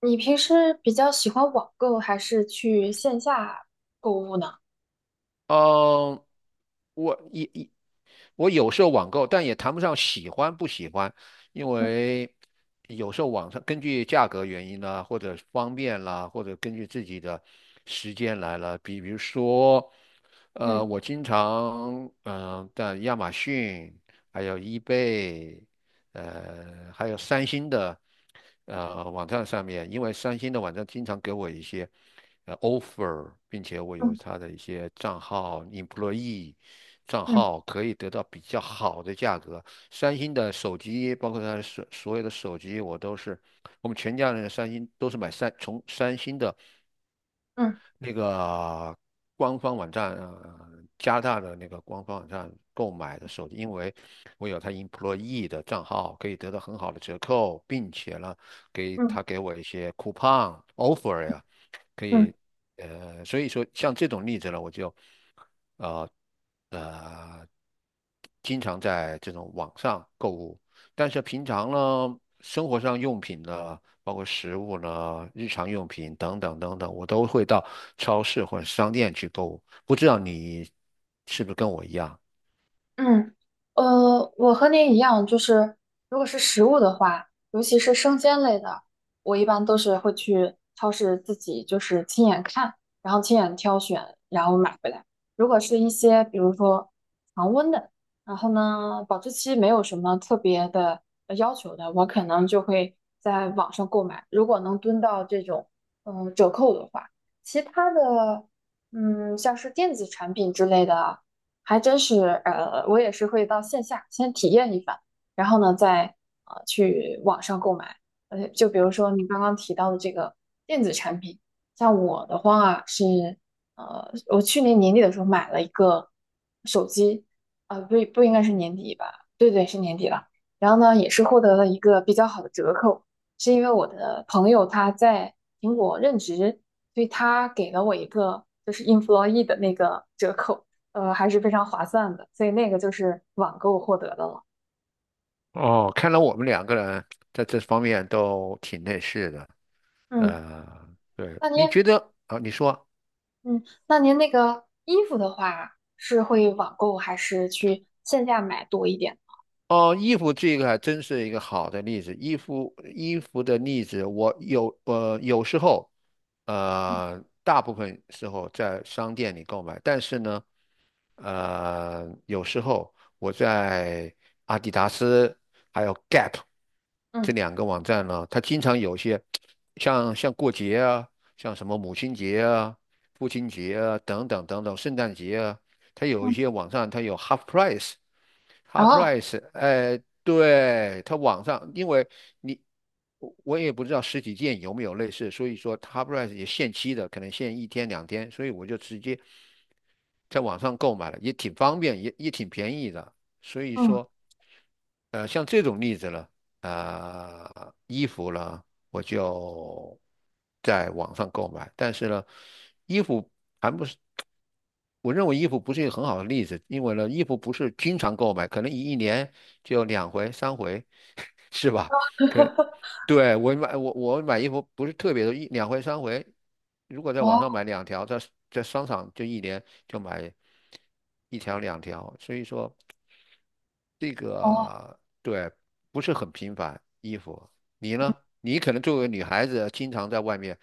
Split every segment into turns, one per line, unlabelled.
你平时比较喜欢网购还是去线下购物呢？
嗯，我我有时候网购，但也谈不上喜欢不喜欢，因
嗯
为有时候网上根据价格原因啦，或者方便啦，或者根据自己的时间来了。比如说，
嗯
我经常在亚马逊还有 e 贝。呃，还有三星的呃网站上面，因为三星的网站经常给我一些offer，并且我有
嗯
他的一些账号 employee 账
嗯嗯
号可以得到比较好的价格。三星的手机，包括他的所有的手机，我都是我们全家人的三星都是从三星的。
嗯
那个官方网站，加拿大的那个官方网站购买的手机，因为我有他 employee 的账号，可以得到很好的折扣，并且呢，
嗯嗯。
给我一些 coupon offer 呀，可以，呃，所以说像这种例子呢，我就呃呃，经常在这种网上购物，但是平常呢，生活上用品呢，包括食物呢，日常用品等等等等，我都会到超市或者商店去购物。不知道你是不是跟我一样？
嗯，我和您一样，就是如果是食物的话，尤其是生鲜类的，我一般都是会去超市自己就是亲眼看，然后亲眼挑选，然后买回来。如果是一些比如说常温的，然后呢保质期没有什么特别的要求的，我可能就会在网上购买。如果能蹲到这种折扣的话，其他的像是电子产品之类的。还真是，我也是会到线下先体验一番，然后呢，再去网上购买。就比如说你刚刚提到的这个电子产品，像我的话是，我去年年底的时候买了一个手机，啊、不应该是年底吧？对对，是年底了。然后呢，也是获得了一个比较好的折扣，是因为我的朋友他在苹果任职，所以他给了我一个就是 employee 的那个折扣。还是非常划算的，所以那个就是网购获得的了。
哦，看来我们两个人在这方面都挺类似的。
嗯，
呃，对，
那
你
您，
觉得啊？你说。
嗯，那您那个衣服的话，是会网购还是去线下买多一点？
哦，衣服这个还真是一个好的例子。衣服的例子，我有有时候，呃大部分时候在商店里购买，但是呢，呃有时候我在阿迪达斯还有 Gap 这
嗯，
两个网站呢，它经常有些像过节啊，像什么母亲节啊、父亲节啊等等等等，圣诞节啊，它有一
嗯，
些网站它有 half price。h a
然
p r
后，
i c e 哎，对，它网上，因为你我也不知道实体店有没有类似，所以说 h a p r i c e 也限期的，可能限一天两天，所以我就直接在网上购买了，也挺方便，也也挺便宜的。所以
嗯，
说，呃，像这种例子呢，呃，衣服呢，我就在网上购买，但是呢，衣服还不是。我认为衣服不是一个很好的例子，因为呢，衣服不是经常购买，可能一年就两回、三回，是吧？可 对我买我买衣服不是特别多，一两回、三回。如果在
哦
网上买两条，在在商场就一年就买一条两条，所以说这
哦，
个对不是很频繁。衣服，你呢？你可能作为女孩子，经常在外面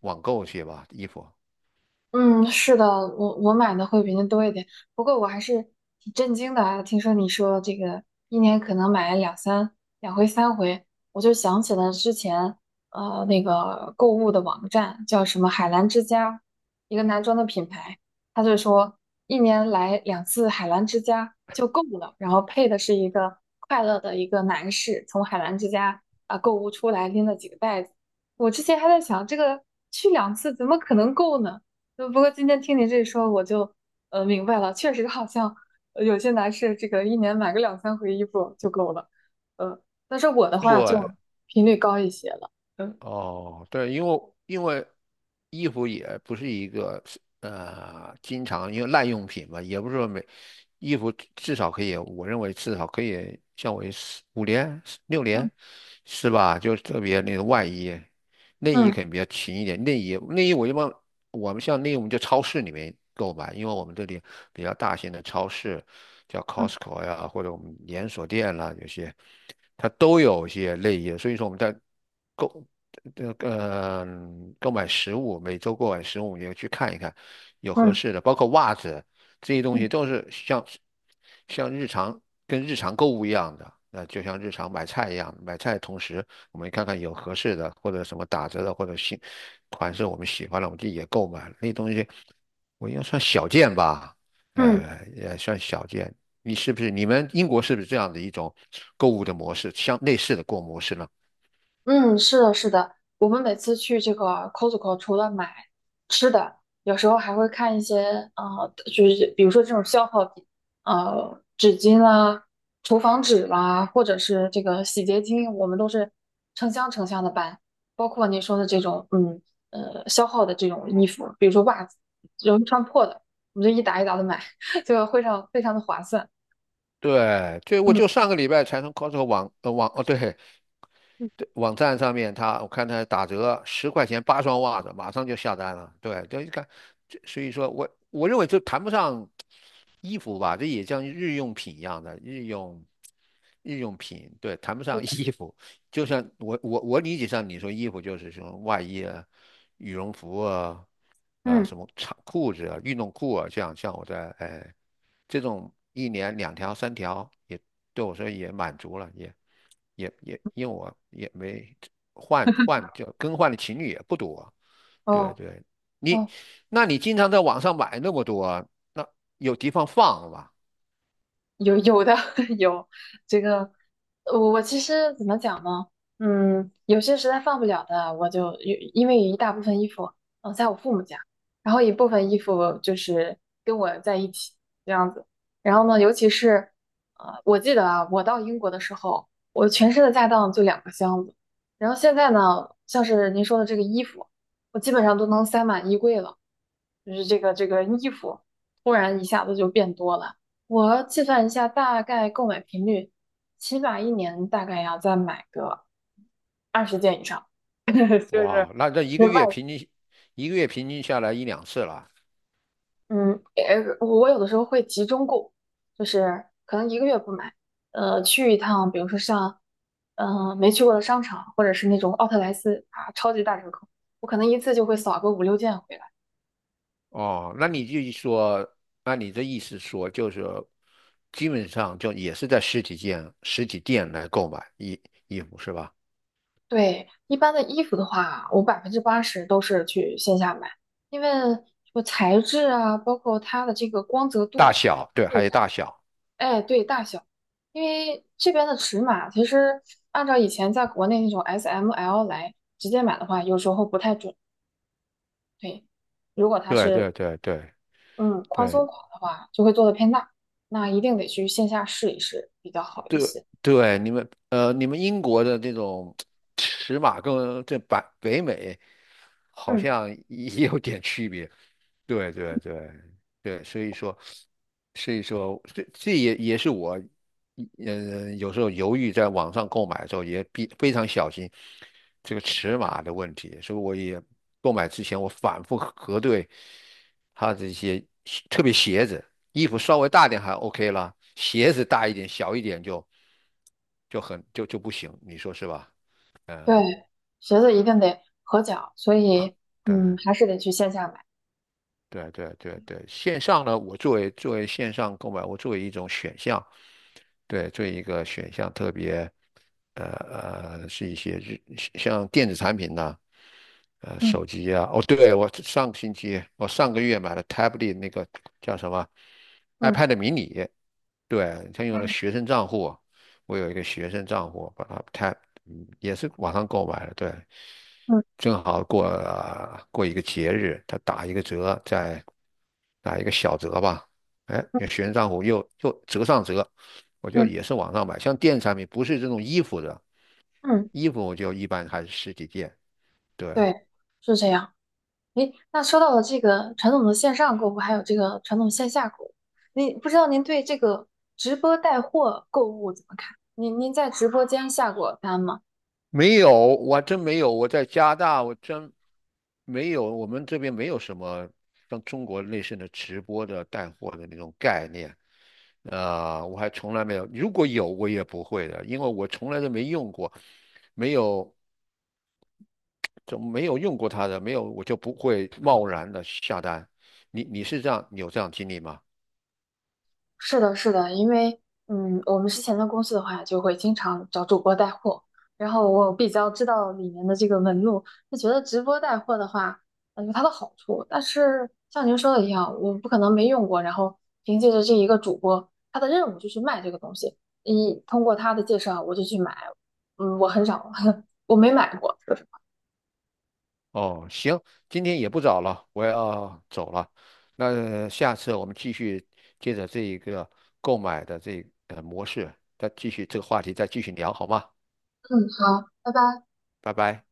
网购去吧，衣服。
嗯，是的，我买的会比您多一点，不过我还是挺震惊的啊，听说你说这个一年可能买两回三回，我就想起了之前那个购物的网站叫什么海澜之家，一个男装的品牌，他就说一年来两次海澜之家就够了，然后配的是一个快乐的一个男士从海澜之家啊、购物出来拎了几个袋子，我之前还在想这个去两次怎么可能够呢？不过今天听你这一说，我就明白了，确实好像有些男士这个一年买个两三回衣服就够了，呃，但是我的话
对
就频率高一些了，嗯
哦，对，因为衣服也不是一个经常因为耐用品嘛，也不是说每衣服至少可以，我认为至少可以像为4、5年、6年
嗯
是吧？就特别那个外衣，内衣
嗯
肯定比较勤一点。内衣我一般我们像内衣我们就超市里面购买，因为我们这里比较大型的超市叫
嗯
Costco 呀，或者我们连锁店啦，有些它都有一些内衣，所以说我们在。购这个购买食物，每周购买食物也去看一看，有合
嗯
适的，包括袜子这些东
嗯。
西都是像日常跟日常购物一样的，那就像日常买菜一样，买菜的同时我们看看有合适的或者什么打折的或者新款式我们喜欢的，我们自己也购买了，那东西，我应该算小件吧，
嗯
呃也算小件。你是不是你们英国是不是这样的一种购物的模式，像类似的购物模式呢？
嗯，是的，是的，我们每次去这个 Costco，除了买吃的，有时候还会看一些就是比如说这种消耗品，纸巾啦、厨房纸啦，或者是这个洗洁精，我们都是成箱成箱的搬，包括您说的这种，消耗的这种衣服，比如说袜子，容易穿破的，我们就一打一打的买，就非常非常的划算。
对，就我
嗯
就上个礼拜才从 Costco 网哦对
嗯，
对网站上面他我看他打折10块钱8双袜子，马上就下单了。对，就一看，这所以说我认为这谈不上衣服吧，这也像日用品一样的日用品，对，谈不
是
上
的，
衣服。就像我理解上你说衣服就是什么外衣啊、羽绒服啊、啊、
嗯，
什么长裤子啊、运动裤啊，这样像我在哎。这种一年两条三条也对我说也满足了，也因为我也没就更换的情侣也不多，对
哦
对，你
哦，
那你经常在网上买那么多，那有地方放吧？
有的 有这个，我其实怎么讲呢？有些实在放不了的，我就有，因为有一大部分衣服，在我父母家，然后一部分衣服就是跟我在一起这样子。然后呢，尤其是，我记得啊，我到英国的时候，我全身的家当就两个箱子。然后现在呢，像是您说的这个衣服，我基本上都能塞满衣柜了。就是这个衣服突然一下子就变多了，我计算一下大概购买频率，起码一年大概要再买个20件以上，就是
哇，那这一
就
个月
外
平均一个月平均下来一两次了。
嗯，呃，我有的时候会集中购，就是可能一个月不买，去一趟，比如说像，没去过的商场，或者是那种奥特莱斯啊，超级大折扣，我可能一次就会扫个五六件回来。
哦，那你就说，按你这意思说，就是基本上就也是在实体店、实体店来购买衣服是吧？
对，一般的衣服的话，我80%都是去线下买，因为什么材质啊，包括它的这个光泽度、
大小，对，
质
还有
感，
大小。
哎，对，大小，因为这边的尺码其实按照以前在国内那种 S、M、L 来直接买的话，有时候不太准。对，如果它
对
是
对对对
嗯宽松
对
款的话，就会做的偏大，那一定得去线下试一试比较好一
对
些。
对，你们呃，你们英国的这种尺码跟这北美好
嗯，
像也有点区别。对对对对，所以说，所以说，这这也也是我，嗯、有时候犹豫在网上购买的时候也比非常小心这个尺码的问题，所以我也购买之前我反复核对它这些特别鞋子。衣服稍微大点还 OK 了，鞋子大一点、小一点就就很就不行，你说是吧？
对，
嗯，
鞋子一定得合脚，所以
对
还是得去线下买。
对对对对，线上呢，我作为作为线上购买，我作为一种选项，对，作为一个选项，特别呃呃是一些日像电子产品呐、呃
嗯。
手机啊，哦，对，我上个月买了 Tablet 那个叫什么
嗯
iPad mini，对，他用了
嗯
学生账户。我有一个学生账户，把它 tap，嗯，也是网上购买的，对，
嗯
正好过一个节日，他打一个折，再打一个小折吧，哎，有学生账户又折上折，我就
嗯
也是网上买，像电子产品不是这种衣服的，
嗯，嗯，
衣服我就一般还是实体店，对，
对，是这样。诶，那说到了这个传统的线上购物，还有这个传统线下购物，您不知道您对这个直播带货购物怎么看？您在直播间下过单吗？
没有，我还真没有。我在加拿大，我真没有。我们这边没有什么像中国类似的直播的带货的那种概念。啊、我还从来没有。如果有，我也不会的，因为我从来都没用过，没有，就没有用过它的，没有，我就不会贸然的下单。你你是这样，你有这样经历吗？
是的，是的，因为我们之前的公司的话，就会经常找主播带货，然后我比较知道里面的这个纹路，就觉得直播带货的话，有它的好处，但是像您说的一样，我不可能没用过，然后凭借着这一个主播，他的任务就去卖这个东西，一通过他的介绍我就去买，嗯，我很少，我没买过，
哦，行，今天也不早了，我要走了。那下次我们继续接着这一个购买的这呃模式，再继续这个话题再继续聊，好吗？
嗯，好，拜拜。
拜拜。